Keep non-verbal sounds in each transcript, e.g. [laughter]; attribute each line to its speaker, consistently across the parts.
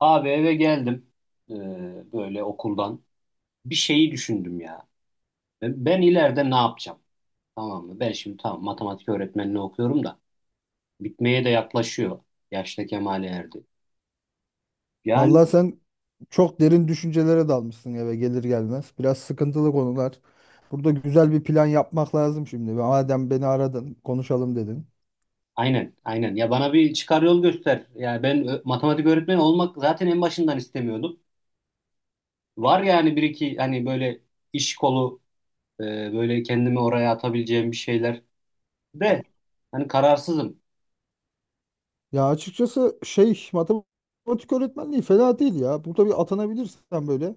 Speaker 1: Abi eve geldim, e, böyle okuldan. Bir şeyi düşündüm ya. Ben ileride ne yapacağım? Tamam mı? Ben şimdi tamam matematik öğretmenliği okuyorum da bitmeye de yaklaşıyor. Yaşta kemale erdi. Yani
Speaker 2: Vallahi sen çok derin düşüncelere dalmışsın eve gelir gelmez. Biraz sıkıntılı konular. Burada güzel bir plan yapmak lazım şimdi. Madem beni aradın, konuşalım dedin.
Speaker 1: aynen aynen. Ya bana bir çıkar yol göster. Yani matematik öğretmeni olmak zaten en başından istemiyordum. Var yani bir iki hani böyle iş kolu, e, böyle kendimi oraya atabileceğim bir şeyler de hani kararsızım.
Speaker 2: Ya açıkçası şey matematik öğretmenliği fena değil ya. Burada bir atanabilirsen böyle.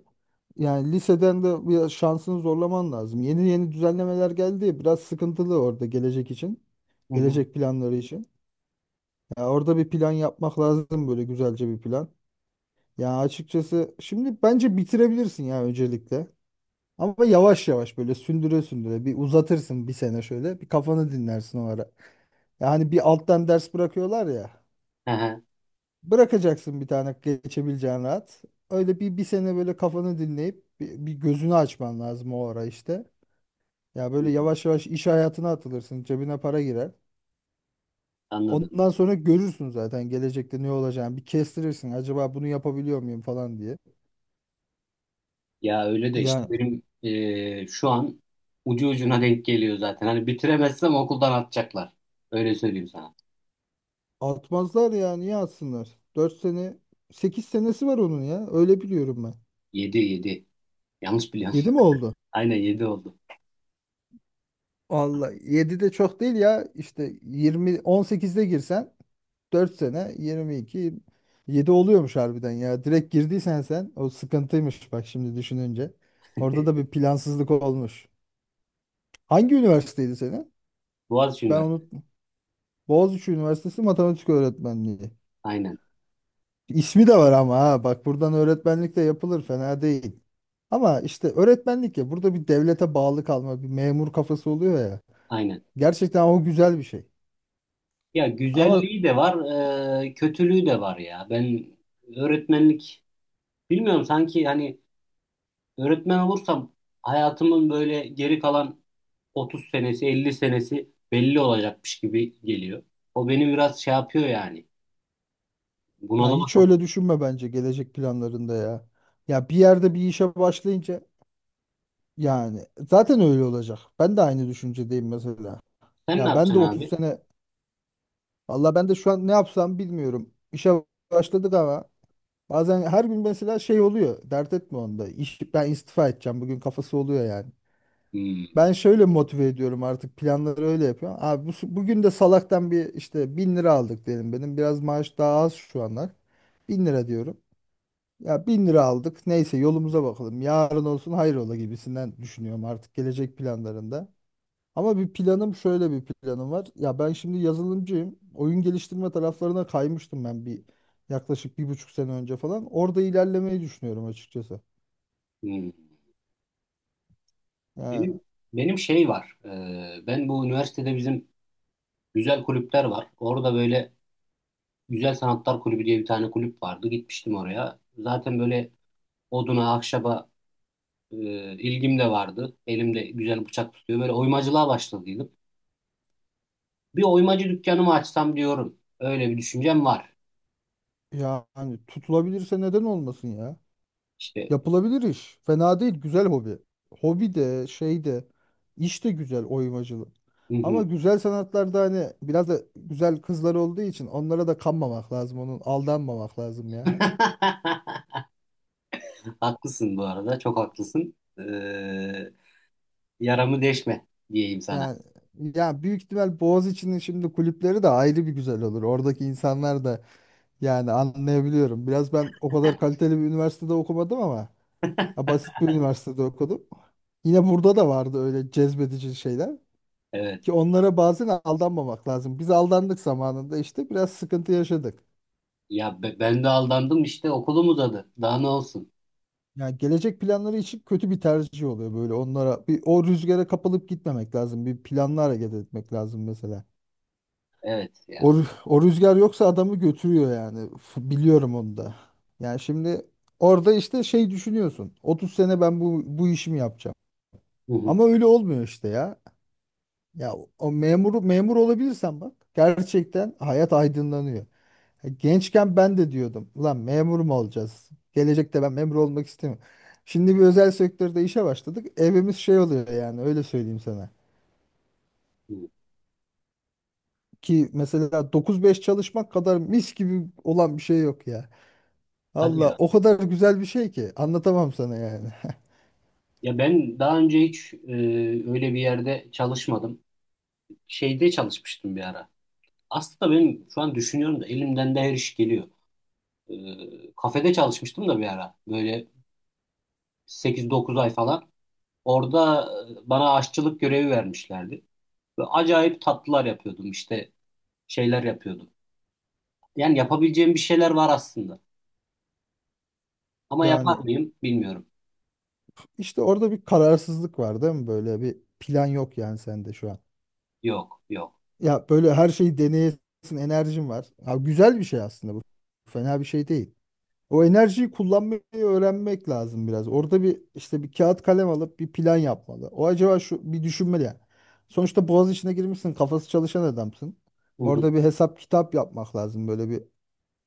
Speaker 2: Yani liseden de bir şansını zorlaman lazım. Yeni yeni düzenlemeler geldi. Biraz sıkıntılı orada gelecek için.
Speaker 1: Hı hı.
Speaker 2: Gelecek planları için. Ya orada bir plan yapmak lazım böyle güzelce bir plan. Ya açıkçası şimdi bence bitirebilirsin ya öncelikle. Ama yavaş yavaş böyle sündüre sündüre bir uzatırsın bir sene şöyle bir kafanı dinlersin o ara. Yani bir alttan ders bırakıyorlar ya.
Speaker 1: Hı hı.
Speaker 2: Bırakacaksın bir tane geçebileceğin rahat. Öyle bir sene böyle kafanı dinleyip bir gözünü açman lazım o ara işte. Ya böyle yavaş yavaş iş hayatına atılırsın cebine para girer.
Speaker 1: Anladım.
Speaker 2: Ondan sonra görürsün zaten gelecekte ne olacağını bir kestirirsin acaba bunu yapabiliyor muyum falan diye.
Speaker 1: Ya öyle de işte
Speaker 2: Ya
Speaker 1: benim şu an ucu ucuna denk geliyor zaten. Hani bitiremezsem okuldan atacaklar. Öyle söyleyeyim sana.
Speaker 2: atmazlar ya niye atsınlar? 4 sene 8 senesi var onun ya öyle biliyorum ben.
Speaker 1: Yedi. Yanlış biliyorum.
Speaker 2: 7 mi oldu?
Speaker 1: [laughs] Aynen yedi oldu.
Speaker 2: Vallahi 7 de çok değil ya işte yirmi on sekizde girsen 4 sene 22, 7 oluyormuş harbiden ya. Direkt girdiysen sen o sıkıntıymış bak şimdi düşününce. Orada da bir plansızlık olmuş. Hangi üniversiteydi senin?
Speaker 1: Boğaziçi
Speaker 2: Ben
Speaker 1: Üniversitesi.
Speaker 2: unuttum. Boğaziçi Üniversitesi Matematik Öğretmenliği.
Speaker 1: Aynen.
Speaker 2: İsmi de var ama ha bak buradan öğretmenlik de yapılır fena değil. Ama işte öğretmenlik ya burada bir devlete bağlı kalma bir memur kafası oluyor ya.
Speaker 1: Aynen.
Speaker 2: Gerçekten o güzel bir şey.
Speaker 1: Ya
Speaker 2: Ama
Speaker 1: güzelliği de var, kötülüğü de var ya. Ben öğretmenlik bilmiyorum, sanki hani öğretmen olursam hayatımın böyle geri kalan 30 senesi, 50 senesi belli olacakmış gibi geliyor. O beni biraz şey yapıyor yani.
Speaker 2: ya
Speaker 1: Bunalıma
Speaker 2: hiç
Speaker 1: sokuyor.
Speaker 2: öyle düşünme bence gelecek planlarında ya. Ya bir yerde bir işe başlayınca yani zaten öyle olacak. Ben de aynı düşüncedeyim mesela.
Speaker 1: Sen ne
Speaker 2: Ya ben
Speaker 1: yapacaksın
Speaker 2: de 30
Speaker 1: abi?
Speaker 2: sene valla ben de şu an ne yapsam bilmiyorum. İşe başladık ama bazen her gün mesela şey oluyor. Dert etme onda. İş, ben istifa edeceğim bugün kafası oluyor yani.
Speaker 1: Hmm,
Speaker 2: Ben şöyle motive ediyorum artık planları öyle yapıyorum. Abi bugün de salaktan bir işte bin lira aldık diyelim benim. Biraz maaş daha az şu anlar. Bin lira diyorum. Ya bin lira aldık. Neyse yolumuza bakalım. Yarın olsun hayrola gibisinden düşünüyorum artık gelecek planlarında. Ama bir planım şöyle bir planım var. Ya ben şimdi yazılımcıyım. Oyun geliştirme taraflarına kaymıştım ben bir yaklaşık 1,5 sene önce falan. Orada ilerlemeyi düşünüyorum açıkçası.
Speaker 1: hmm.
Speaker 2: Ya,
Speaker 1: Benim, benim şey var. Ben bu üniversitede bizim güzel kulüpler var. Orada böyle Güzel Sanatlar Kulübü diye bir tane kulüp vardı. Gitmiştim oraya. Zaten böyle oduna, ahşaba e, ilgim de vardı. Elimde güzel bıçak tutuyor. Böyle oymacılığa başladıydım. Bir oymacı dükkanımı açsam diyorum. Öyle bir düşüncem var.
Speaker 2: yani tutulabilirse neden olmasın ya?
Speaker 1: İşte.
Speaker 2: Yapılabilir iş. Fena değil. Güzel hobi. Hobi de şey de iş de güzel oymacılık.
Speaker 1: Hı hı.
Speaker 2: Ama güzel sanatlarda hani biraz da güzel kızlar olduğu için onlara da kanmamak lazım. Onun aldanmamak lazım ya.
Speaker 1: [laughs] Haklısın bu arada. Çok haklısın. Yaramı deşme diyeyim sana.
Speaker 2: Yani ya büyük ihtimal Boğaziçi'nin şimdi kulüpleri de ayrı bir güzel olur. Oradaki insanlar da yani anlayabiliyorum. Biraz ben o kadar kaliteli bir üniversitede okumadım ama ya basit bir üniversitede okudum. Yine burada da vardı öyle cezbedici şeyler.
Speaker 1: Evet.
Speaker 2: Ki onlara bazen aldanmamak lazım. Biz aldandık zamanında işte biraz sıkıntı yaşadık.
Speaker 1: Ya ben de aldandım, işte okulum uzadı. Daha ne olsun?
Speaker 2: Yani gelecek planları için kötü bir tercih oluyor böyle onlara. Bir, o rüzgara kapılıp gitmemek lazım. Bir planla hareket etmek lazım mesela.
Speaker 1: Evet
Speaker 2: O,
Speaker 1: ya.
Speaker 2: rü- o rüzgar yoksa adamı götürüyor yani. Biliyorum onu da. Yani şimdi orada işte şey düşünüyorsun. 30 sene ben bu işimi yapacağım.
Speaker 1: Hı hı,
Speaker 2: Ama öyle olmuyor işte ya. Ya o memuru memur olabilirsen bak gerçekten hayat aydınlanıyor. Gençken ben de diyordum. Ulan memur mu olacağız? Gelecekte ben memur olmak istemiyorum. Şimdi bir özel sektörde işe başladık. Evimiz şey oluyor yani öyle söyleyeyim sana.
Speaker 1: hı.
Speaker 2: Ki mesela 9-5 çalışmak kadar mis gibi olan bir şey yok ya.
Speaker 1: Hadi
Speaker 2: Allah
Speaker 1: ya.
Speaker 2: o kadar güzel bir şey ki anlatamam sana yani. [laughs]
Speaker 1: Ya ben daha önce hiç öyle bir yerde çalışmadım. Şeyde çalışmıştım bir ara. Aslında benim şu an düşünüyorum da elimden de her iş geliyor. Kafede çalışmıştım da bir ara. Böyle sekiz dokuz ay falan. Orada bana aşçılık görevi vermişlerdi. Ve acayip tatlılar yapıyordum, işte şeyler yapıyordum. Yani yapabileceğim bir şeyler var aslında. Ama yapar
Speaker 2: Yani
Speaker 1: mıyım bilmiyorum.
Speaker 2: işte orada bir kararsızlık var değil mi? Böyle bir plan yok yani sende şu an.
Speaker 1: Yok.
Speaker 2: Ya böyle her şeyi deneyesin, enerjin var. Ha, güzel bir şey aslında bu. Fena bir şey değil. O enerjiyi kullanmayı öğrenmek lazım biraz. Orada bir işte bir kağıt kalem alıp bir plan yapmalı. O acaba şu bir düşünmeli yani. Sonuçta boğaz içine girmişsin, kafası çalışan adamsın.
Speaker 1: Hı hı.
Speaker 2: Orada bir hesap kitap yapmak lazım. Böyle bir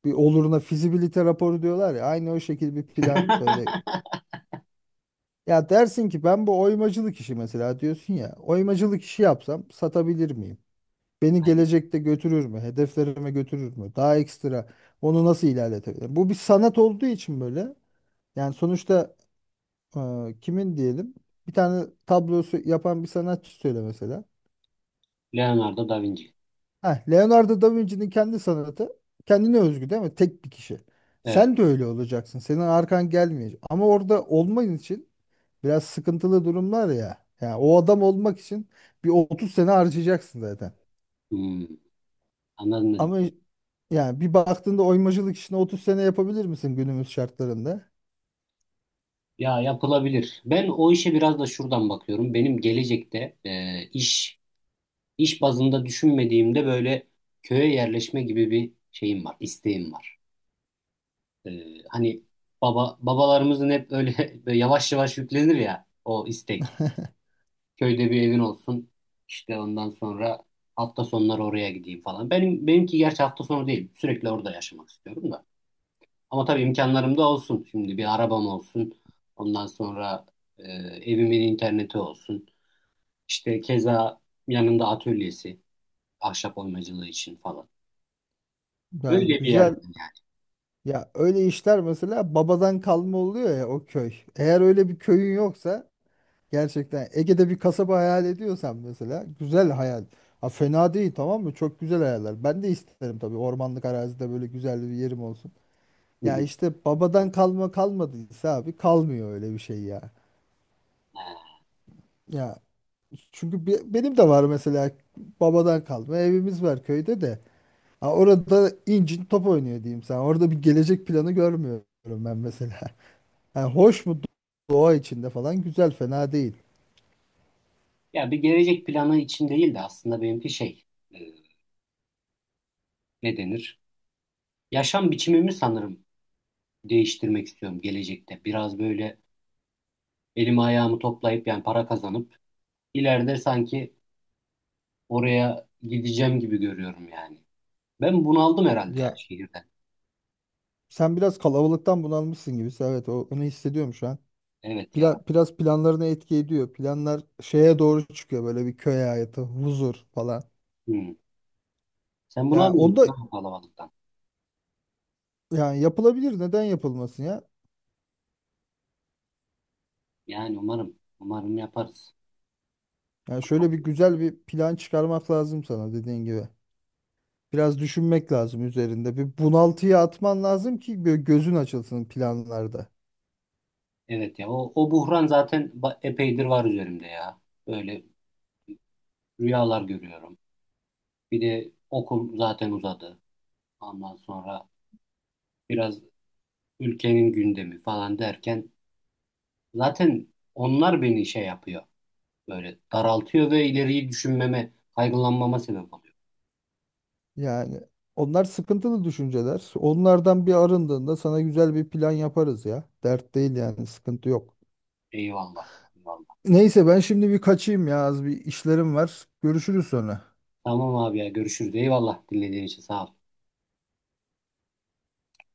Speaker 2: bir oluruna fizibilite raporu diyorlar ya. Aynı o şekilde bir plan böyle.
Speaker 1: [laughs]
Speaker 2: Ya dersin ki ben bu oymacılık işi mesela diyorsun ya. Oymacılık işi yapsam satabilir miyim? Beni
Speaker 1: Aynen.
Speaker 2: gelecekte götürür mü? Hedeflerime götürür mü? Daha ekstra onu nasıl ilerletebilirim? Bu bir sanat olduğu için böyle. Yani sonuçta e, kimin diyelim? Bir tane tablosu yapan bir sanatçı söyle mesela.
Speaker 1: Leonardo da Vinci.
Speaker 2: Heh, Leonardo da Vinci'nin kendi sanatı kendine özgü değil mi? Tek bir kişi.
Speaker 1: Evet.
Speaker 2: Sen de öyle olacaksın. Senin arkan gelmeyecek. Ama orada olman için biraz sıkıntılı durumlar ya. Yani o adam olmak için bir 30 sene harcayacaksın zaten.
Speaker 1: Hmm, anladım ne
Speaker 2: Ama
Speaker 1: demek.
Speaker 2: yani bir baktığında oymacılık işini 30 sene yapabilir misin günümüz şartlarında?
Speaker 1: Ya yapılabilir. Ben o işe biraz da şuradan bakıyorum. Benim gelecekte iş bazında düşünmediğimde böyle köye yerleşme gibi bir şeyim var, isteğim var. E, Hani babalarımızın hep öyle, [laughs] böyle yavaş yavaş yüklenir ya o istek.
Speaker 2: [laughs]
Speaker 1: Köyde bir evin olsun. İşte ondan sonra hafta sonları oraya gideyim falan. Benimki gerçi hafta sonu değil. Sürekli orada yaşamak istiyorum da. Ama tabii imkanlarım da olsun. Şimdi bir arabam olsun. Ondan sonra e, evimin interneti olsun. İşte keza yanında atölyesi, ahşap oymacılığı için falan.
Speaker 2: Yani
Speaker 1: Öyle bir yerden
Speaker 2: güzel ya öyle işler mesela babadan kalma oluyor ya o köy. Eğer öyle bir köyün yoksa gerçekten Ege'de bir kasaba hayal ediyorsan mesela güzel hayal. Ha fena değil tamam mı? Çok güzel hayaller. Ben de isterim tabii ormanlık arazide böyle güzel bir yerim olsun.
Speaker 1: yani.
Speaker 2: Ya
Speaker 1: Hı hı.
Speaker 2: işte babadan kalma kalmadıysa abi kalmıyor öyle bir şey ya. Ya çünkü benim de var mesela babadan kalma evimiz var köyde de. Ha, orada incin top oynuyor diyeyim sana. Orada bir gelecek planı görmüyorum ben mesela. [laughs] Ha, hoş mu doğa içinde falan güzel fena değil.
Speaker 1: Ya bir gelecek planı için değil de aslında benimki şey, e, ne denir? Yaşam biçimimi sanırım değiştirmek istiyorum gelecekte. Biraz böyle elimi ayağımı toplayıp yani para kazanıp ileride sanki oraya gideceğim gibi görüyorum yani. Ben bunaldım herhalde ya
Speaker 2: Ya
Speaker 1: şehirden.
Speaker 2: sen biraz kalabalıktan bunalmışsın gibi. Evet onu hissediyorum şu an.
Speaker 1: Evet ya.
Speaker 2: Biraz planlarına etki ediyor. Planlar şeye doğru çıkıyor böyle bir köy hayatı, huzur falan.
Speaker 1: Hmm. Sen bunu
Speaker 2: Ya onda
Speaker 1: almıyorsun ha kalabalıktan.
Speaker 2: yani yapılabilir neden yapılmasın ya?
Speaker 1: Yani umarım yaparız.
Speaker 2: Yani şöyle bir güzel bir plan çıkarmak lazım sana dediğin gibi. Biraz düşünmek lazım üzerinde. Bir bunaltıya atman lazım ki böyle gözün açılsın planlarda.
Speaker 1: Evet ya o buhran zaten epeydir var üzerimde ya. Böyle rüyalar görüyorum. Bir de okul zaten uzadı. Ondan sonra biraz ülkenin gündemi falan derken zaten onlar beni şey yapıyor. Böyle daraltıyor ve ileriyi düşünmeme, kaygılanmama sebep oluyor.
Speaker 2: Yani onlar sıkıntılı düşünceler. Onlardan bir arındığında sana güzel bir plan yaparız ya. Dert değil yani sıkıntı yok.
Speaker 1: Eyvallah. Eyvallah.
Speaker 2: Neyse ben şimdi bir kaçayım ya az bir işlerim var. Görüşürüz sonra.
Speaker 1: Tamam abi ya, görüşürüz. Eyvallah, dinlediğin için sağ ol.